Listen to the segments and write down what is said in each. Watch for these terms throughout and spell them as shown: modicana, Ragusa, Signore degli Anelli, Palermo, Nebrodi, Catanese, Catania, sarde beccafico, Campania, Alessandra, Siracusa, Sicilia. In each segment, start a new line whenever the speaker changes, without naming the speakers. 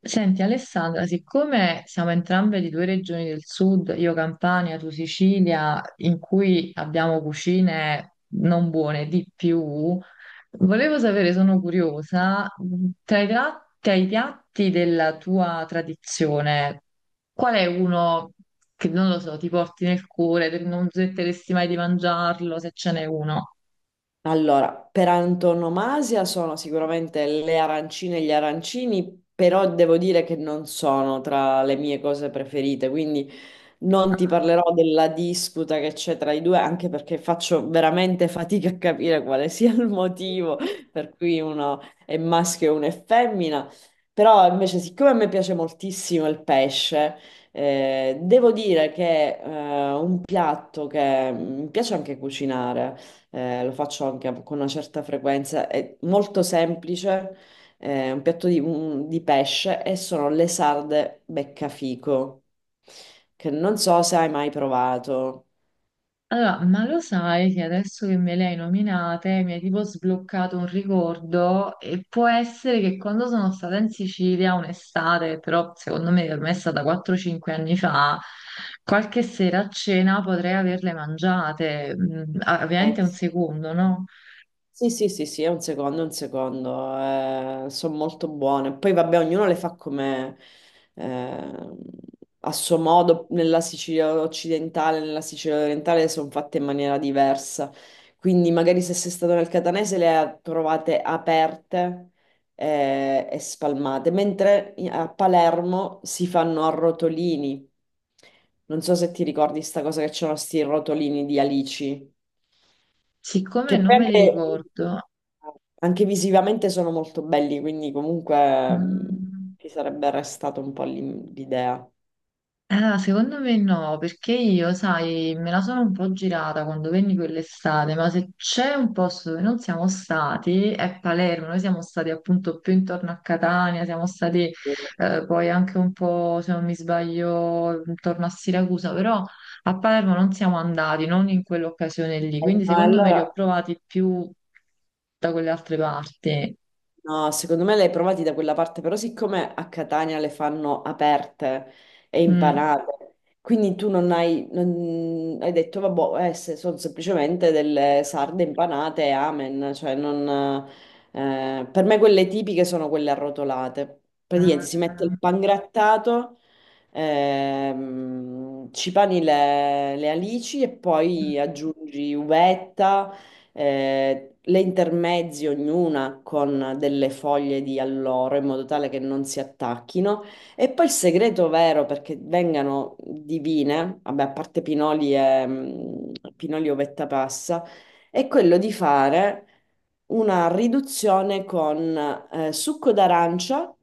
Senti Alessandra, siccome siamo entrambe di due regioni del sud, io Campania, tu Sicilia, in cui abbiamo cucine non buone di più, volevo sapere, sono curiosa, tra i piatti della tua tradizione, qual è uno che non lo so, ti porti nel cuore, che non smetteresti mai di mangiarlo, se ce n'è uno?
Allora, per antonomasia sono sicuramente le arancine e gli arancini, però devo dire che non sono tra le mie cose preferite, quindi non ti parlerò della disputa che c'è tra i due, anche perché faccio veramente fatica a capire quale sia il motivo per cui uno è maschio e uno è femmina. Però invece, siccome a me piace moltissimo il pesce, devo dire che un piatto che mi piace anche cucinare, lo faccio anche con una certa frequenza, è molto semplice un piatto di pesce e sono le sarde beccafico, che non so se hai mai provato.
Allora, ma lo sai che adesso che me le hai nominate mi hai tipo sbloccato un ricordo e può essere che quando sono stata in Sicilia un'estate, però secondo me ormai è stata 4-5 anni fa, qualche sera a cena potrei averle mangiate. Mm, ah,
Eh.
ovviamente un secondo, no?
Sì, sì, sì, sì, è un secondo, sono molto buone. Poi vabbè, ognuno le fa come eh, a suo modo, nella Sicilia occidentale, nella Sicilia orientale sono fatte in maniera diversa. Quindi magari se sei stato nel Catanese trovate aperte e spalmate, mentre a Palermo si fanno a rotolini. Non so se ti ricordi sta cosa che c'erano sti rotolini di alici.
Siccome
Che
non
poi
me li
anche,
ricordo,
anche visivamente sono molto belli, quindi comunque
mm.
ci sarebbe restato un po' l'idea.
Allora, secondo me no, perché io, sai, me la sono un po' girata quando venni quell'estate, ma se c'è un posto dove non siamo stati è Palermo, noi siamo stati appunto più intorno a Catania, siamo stati,
E-
poi anche un po', se non mi sbaglio, intorno a Siracusa, però a Palermo non siamo andati, non in quell'occasione lì, quindi secondo me
allora
li ho provati più da quelle altre parti.
no, secondo me le hai provati da quella parte, però siccome a Catania le fanno aperte e
Mm.
impanate, quindi tu non hai, non- hai detto, vabbè, se sono semplicemente delle sarde impanate e amen, cioè non, per me quelle tipiche sono quelle arrotolate. Praticamente si mette il
Mm.
pangrattato, ci pani le alici e poi aggiungi uvetta le intermezzi ognuna con delle foglie di alloro in modo tale che non si attacchino. E poi il segreto vero perché vengano divine, vabbè, a parte pinoli e mm, pinoli ovetta passa, è quello di fare una riduzione con succo d'arancia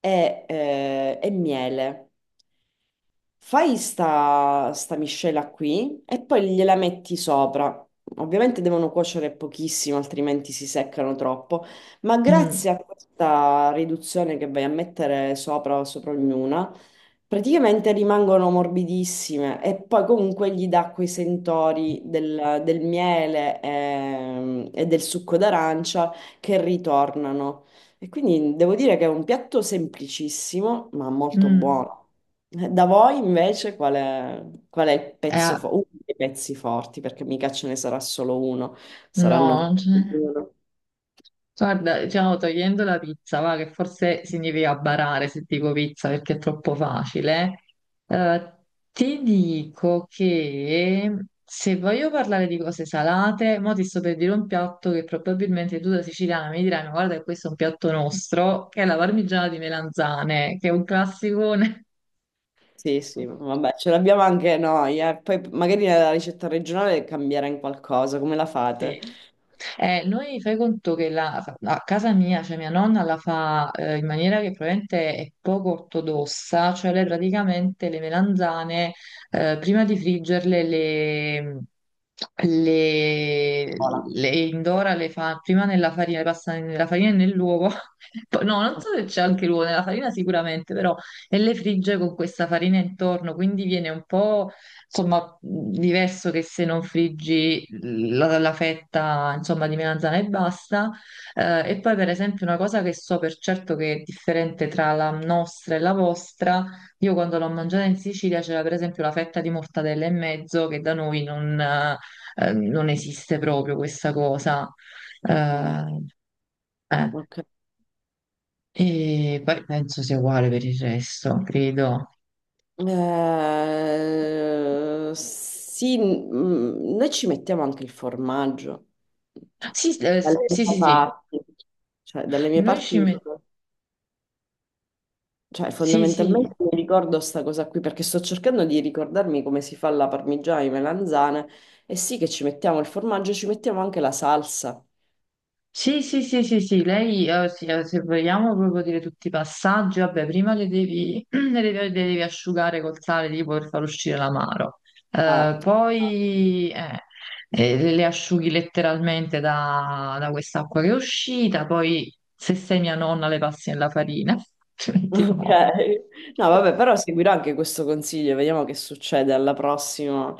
e e miele. Fai sta miscela qui e poi gliela metti sopra. Ovviamente devono cuocere pochissimo, altrimenti si seccano troppo, ma
Mm.
grazie a questa riduzione che vai a mettere sopra o sopra ognuna, praticamente rimangono morbidissime e poi comunque gli dà quei sentori del miele del succo d'arancia che ritornano. E quindi devo dire che è un piatto semplicissimo, ma molto
Mm.
buono. Da voi invece qual è il
Eh,
pezzo forte? Uno dei pezzi forti, perché mica ce ne sarà solo uno,
no,
saranno
non
più di
c'è.
uno.
Guarda, diciamo togliendo la pizza, va, che forse significa barare se dico pizza perché è troppo facile, eh, ti dico che se voglio parlare di cose salate, mo ti sto per dire un piatto che probabilmente tu da siciliana mi dirai, ma guarda che questo è un piatto nostro, che è la parmigiana di melanzane, che è un classicone.
Sì, sì, vabbè, ce l'abbiamo anche noi, eh. Poi magari la ricetta regionale cambierà in qualcosa, come la
Sì.
fate?
Noi fai conto che a casa mia, cioè mia nonna la fa in maniera che probabilmente è poco ortodossa, cioè lei praticamente le melanzane prima di friggerle le, le,
Hola.
le indora, le fa prima nella farina, le passa nella farina e nell'uovo, no, non so se c'è anche l'uovo, nella farina sicuramente, però e le frigge con questa farina intorno, quindi viene un po'. Insomma, diverso che se non friggi la fetta, insomma, di melanzana e basta. E poi, per esempio, una cosa che so per certo che è differente tra la nostra e la vostra, io quando l'ho mangiata in Sicilia c'era per esempio la fetta di mortadella e mezzo, che da noi non, non esiste proprio questa cosa.
Ok.
Eh, eh.
Ok.
E poi penso sia uguale per il resto, credo.
Sì, mm, noi ci mettiamo anche il formaggio. Cioè,
Sì,
dalle
sì,
mie
sì, sì.
parti, cioè, dalle mie
Noi ci
parti.
mettiamo...
Cioè,
Sì, sì,
fondamentalmente mi ricordo sta cosa qui perché sto cercando di ricordarmi come si fa la parmigiana di melanzane e sì che ci mettiamo il formaggio, ci mettiamo anche la salsa.
sì, sì, sì, sì, sì, lei, sì, se vogliamo proprio dire tutti i passaggi, vabbè, prima le devi asciugare col sale tipo per far uscire l'amaro.
Esatto.
Poi Le asciughi letteralmente da, da quest'acqua che è uscita, poi se sei mia nonna le passi nella farina, altrimenti
Ok.
no.
No, vabbè, però seguirò anche questo consiglio, vediamo che succede alla prossima.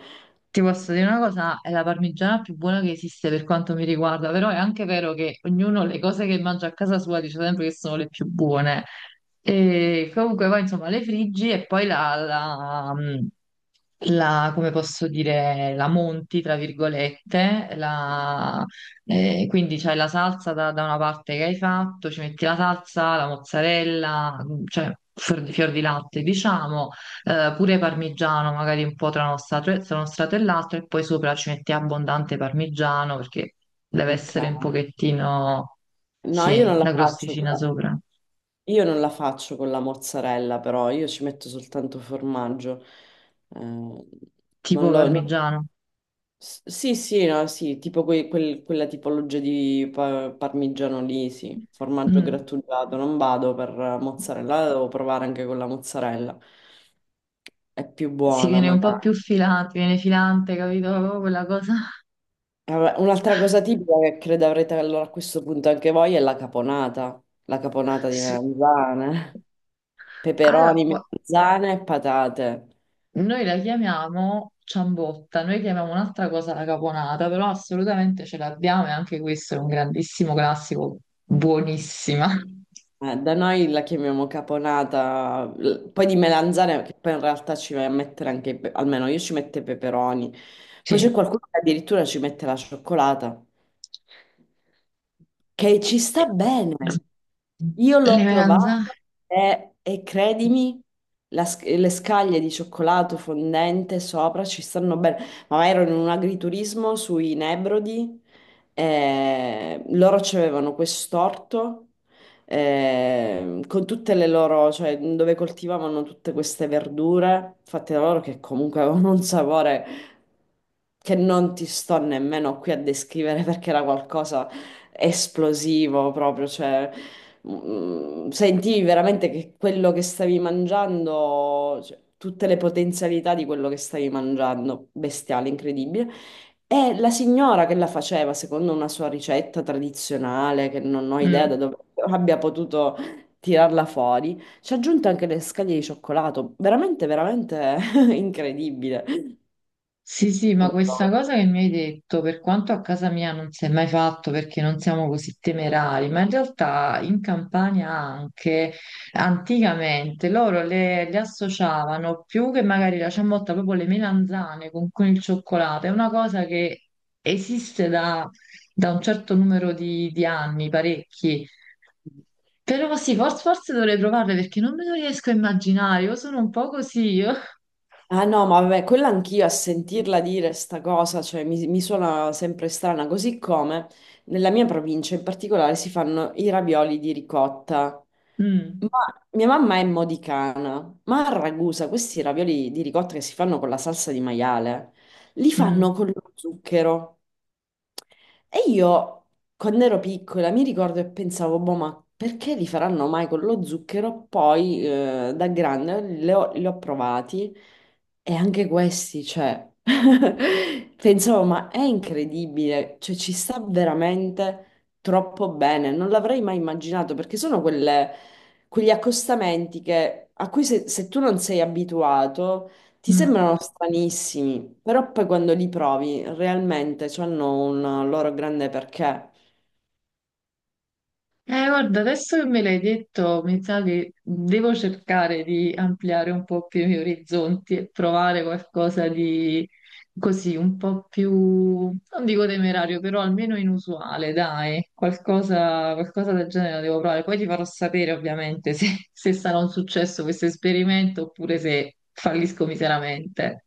Ti posso dire una cosa, è la parmigiana più buona che esiste per quanto mi riguarda, però è anche vero che ognuno le cose che mangia a casa sua dice sempre che sono le più buone. E comunque poi insomma le friggi e poi come posso dire, la monti, tra virgolette, quindi c'hai la salsa da, da una parte che hai fatto, ci metti la salsa, la mozzarella, mm, cioè fior di latte, diciamo, pure parmigiano, magari un po' tra uno strato e l'altro, e poi sopra ci metti abbondante parmigiano perché deve
Ok.
essere un pochettino,
No, io
sì,
non la
la
faccio con
crosticina
la...
sopra,
Io non la faccio con la mozzarella, però io ci metto soltanto formaggio. Eh,
tipo
non lo... no.
parmigiano.
Sì, sì, no, sì, tipo quella tipologia di parmigiano lì, sì, formaggio
Mm.
grattugiato, non vado per mozzarella, la devo provare anche con la mozzarella, è più
Si
buona
viene un po'
magari.
più filante, viene filante, capito? Proprio quella cosa.
Vabbè, un'altra cosa tipica che credo avrete allora a questo punto anche voi è la caponata di melanzane,
Allora,
peperoni, melanzane e patate.
noi la chiamiamo ciambotta, noi chiamiamo un'altra cosa la caponata, però assolutamente ce l'abbiamo e anche questo è un grandissimo classico, buonissima.
Da noi la chiamiamo caponata, poi di melanzane, che poi in realtà ci vai a mettere anche, almeno io ci metto i peperoni. Poi c'è
Sì.
qualcuno che addirittura ci mette la cioccolata che ci sta bene. Io l'ho
Eleganza.
provato e credimi, le scaglie di cioccolato fondente sopra ci stanno bene. Ma ero in un agriturismo sui Nebrodi, e loro c'avevano quest'orto con tutte le loro, cioè dove coltivavano tutte queste verdure fatte da loro che comunque avevano un sapore che non ti sto nemmeno qui a descrivere perché era qualcosa esplosivo proprio, cioè mm, sentivi veramente che quello che stavi mangiando, cioè, tutte le potenzialità di quello che stavi mangiando, bestiale, incredibile. E la signora che la faceva, secondo una sua ricetta tradizionale, che non ho idea da
Mm.
dove abbia potuto tirarla fuori, ci ha aggiunto anche le scaglie di cioccolato, veramente, veramente incredibile.
Sì, sì, ma questa cosa che mi hai detto, per quanto a casa mia non si è mai fatto perché non siamo così temerari, ma in realtà in Campania anche anticamente loro le associavano più che magari la ciabatta, proprio le melanzane con il cioccolato, è una cosa che esiste da, da un certo numero di anni, parecchi. Però sì, forse dovrei provarle perché non me lo riesco a immaginare, io sono un po' così. Io...
Ah no, ma vabbè, quella anch'io a sentirla dire sta cosa, cioè mi suona sempre strana, così come nella mia provincia in particolare si fanno i ravioli di ricotta. Ma mia mamma è modicana, ma a Ragusa questi ravioli di ricotta che si fanno con la salsa di maiale, li
Mm,
fanno
mm,
con lo zucchero. E io, quando ero piccola, mi ricordo e pensavo, boh, ma perché li faranno mai con lo zucchero? Poi, da grande, li ho provati e anche questi, cioè, pensavo, ma è incredibile, cioè, ci sta veramente troppo bene. Non l'avrei mai immaginato perché sono quegli accostamenti a cui se tu non sei abituato ti
mm.
sembrano stranissimi, però poi quando li provi realmente hanno un loro grande perché.
Guarda, adesso che me l'hai detto, mi sa che devo cercare di ampliare un po' più i miei orizzonti e provare qualcosa di così, un po' più, non dico temerario, però almeno inusuale, dai, qualcosa, qualcosa del genere la devo provare. Poi ti farò sapere ovviamente se, se sarà un successo questo esperimento oppure se fallisco miseramente.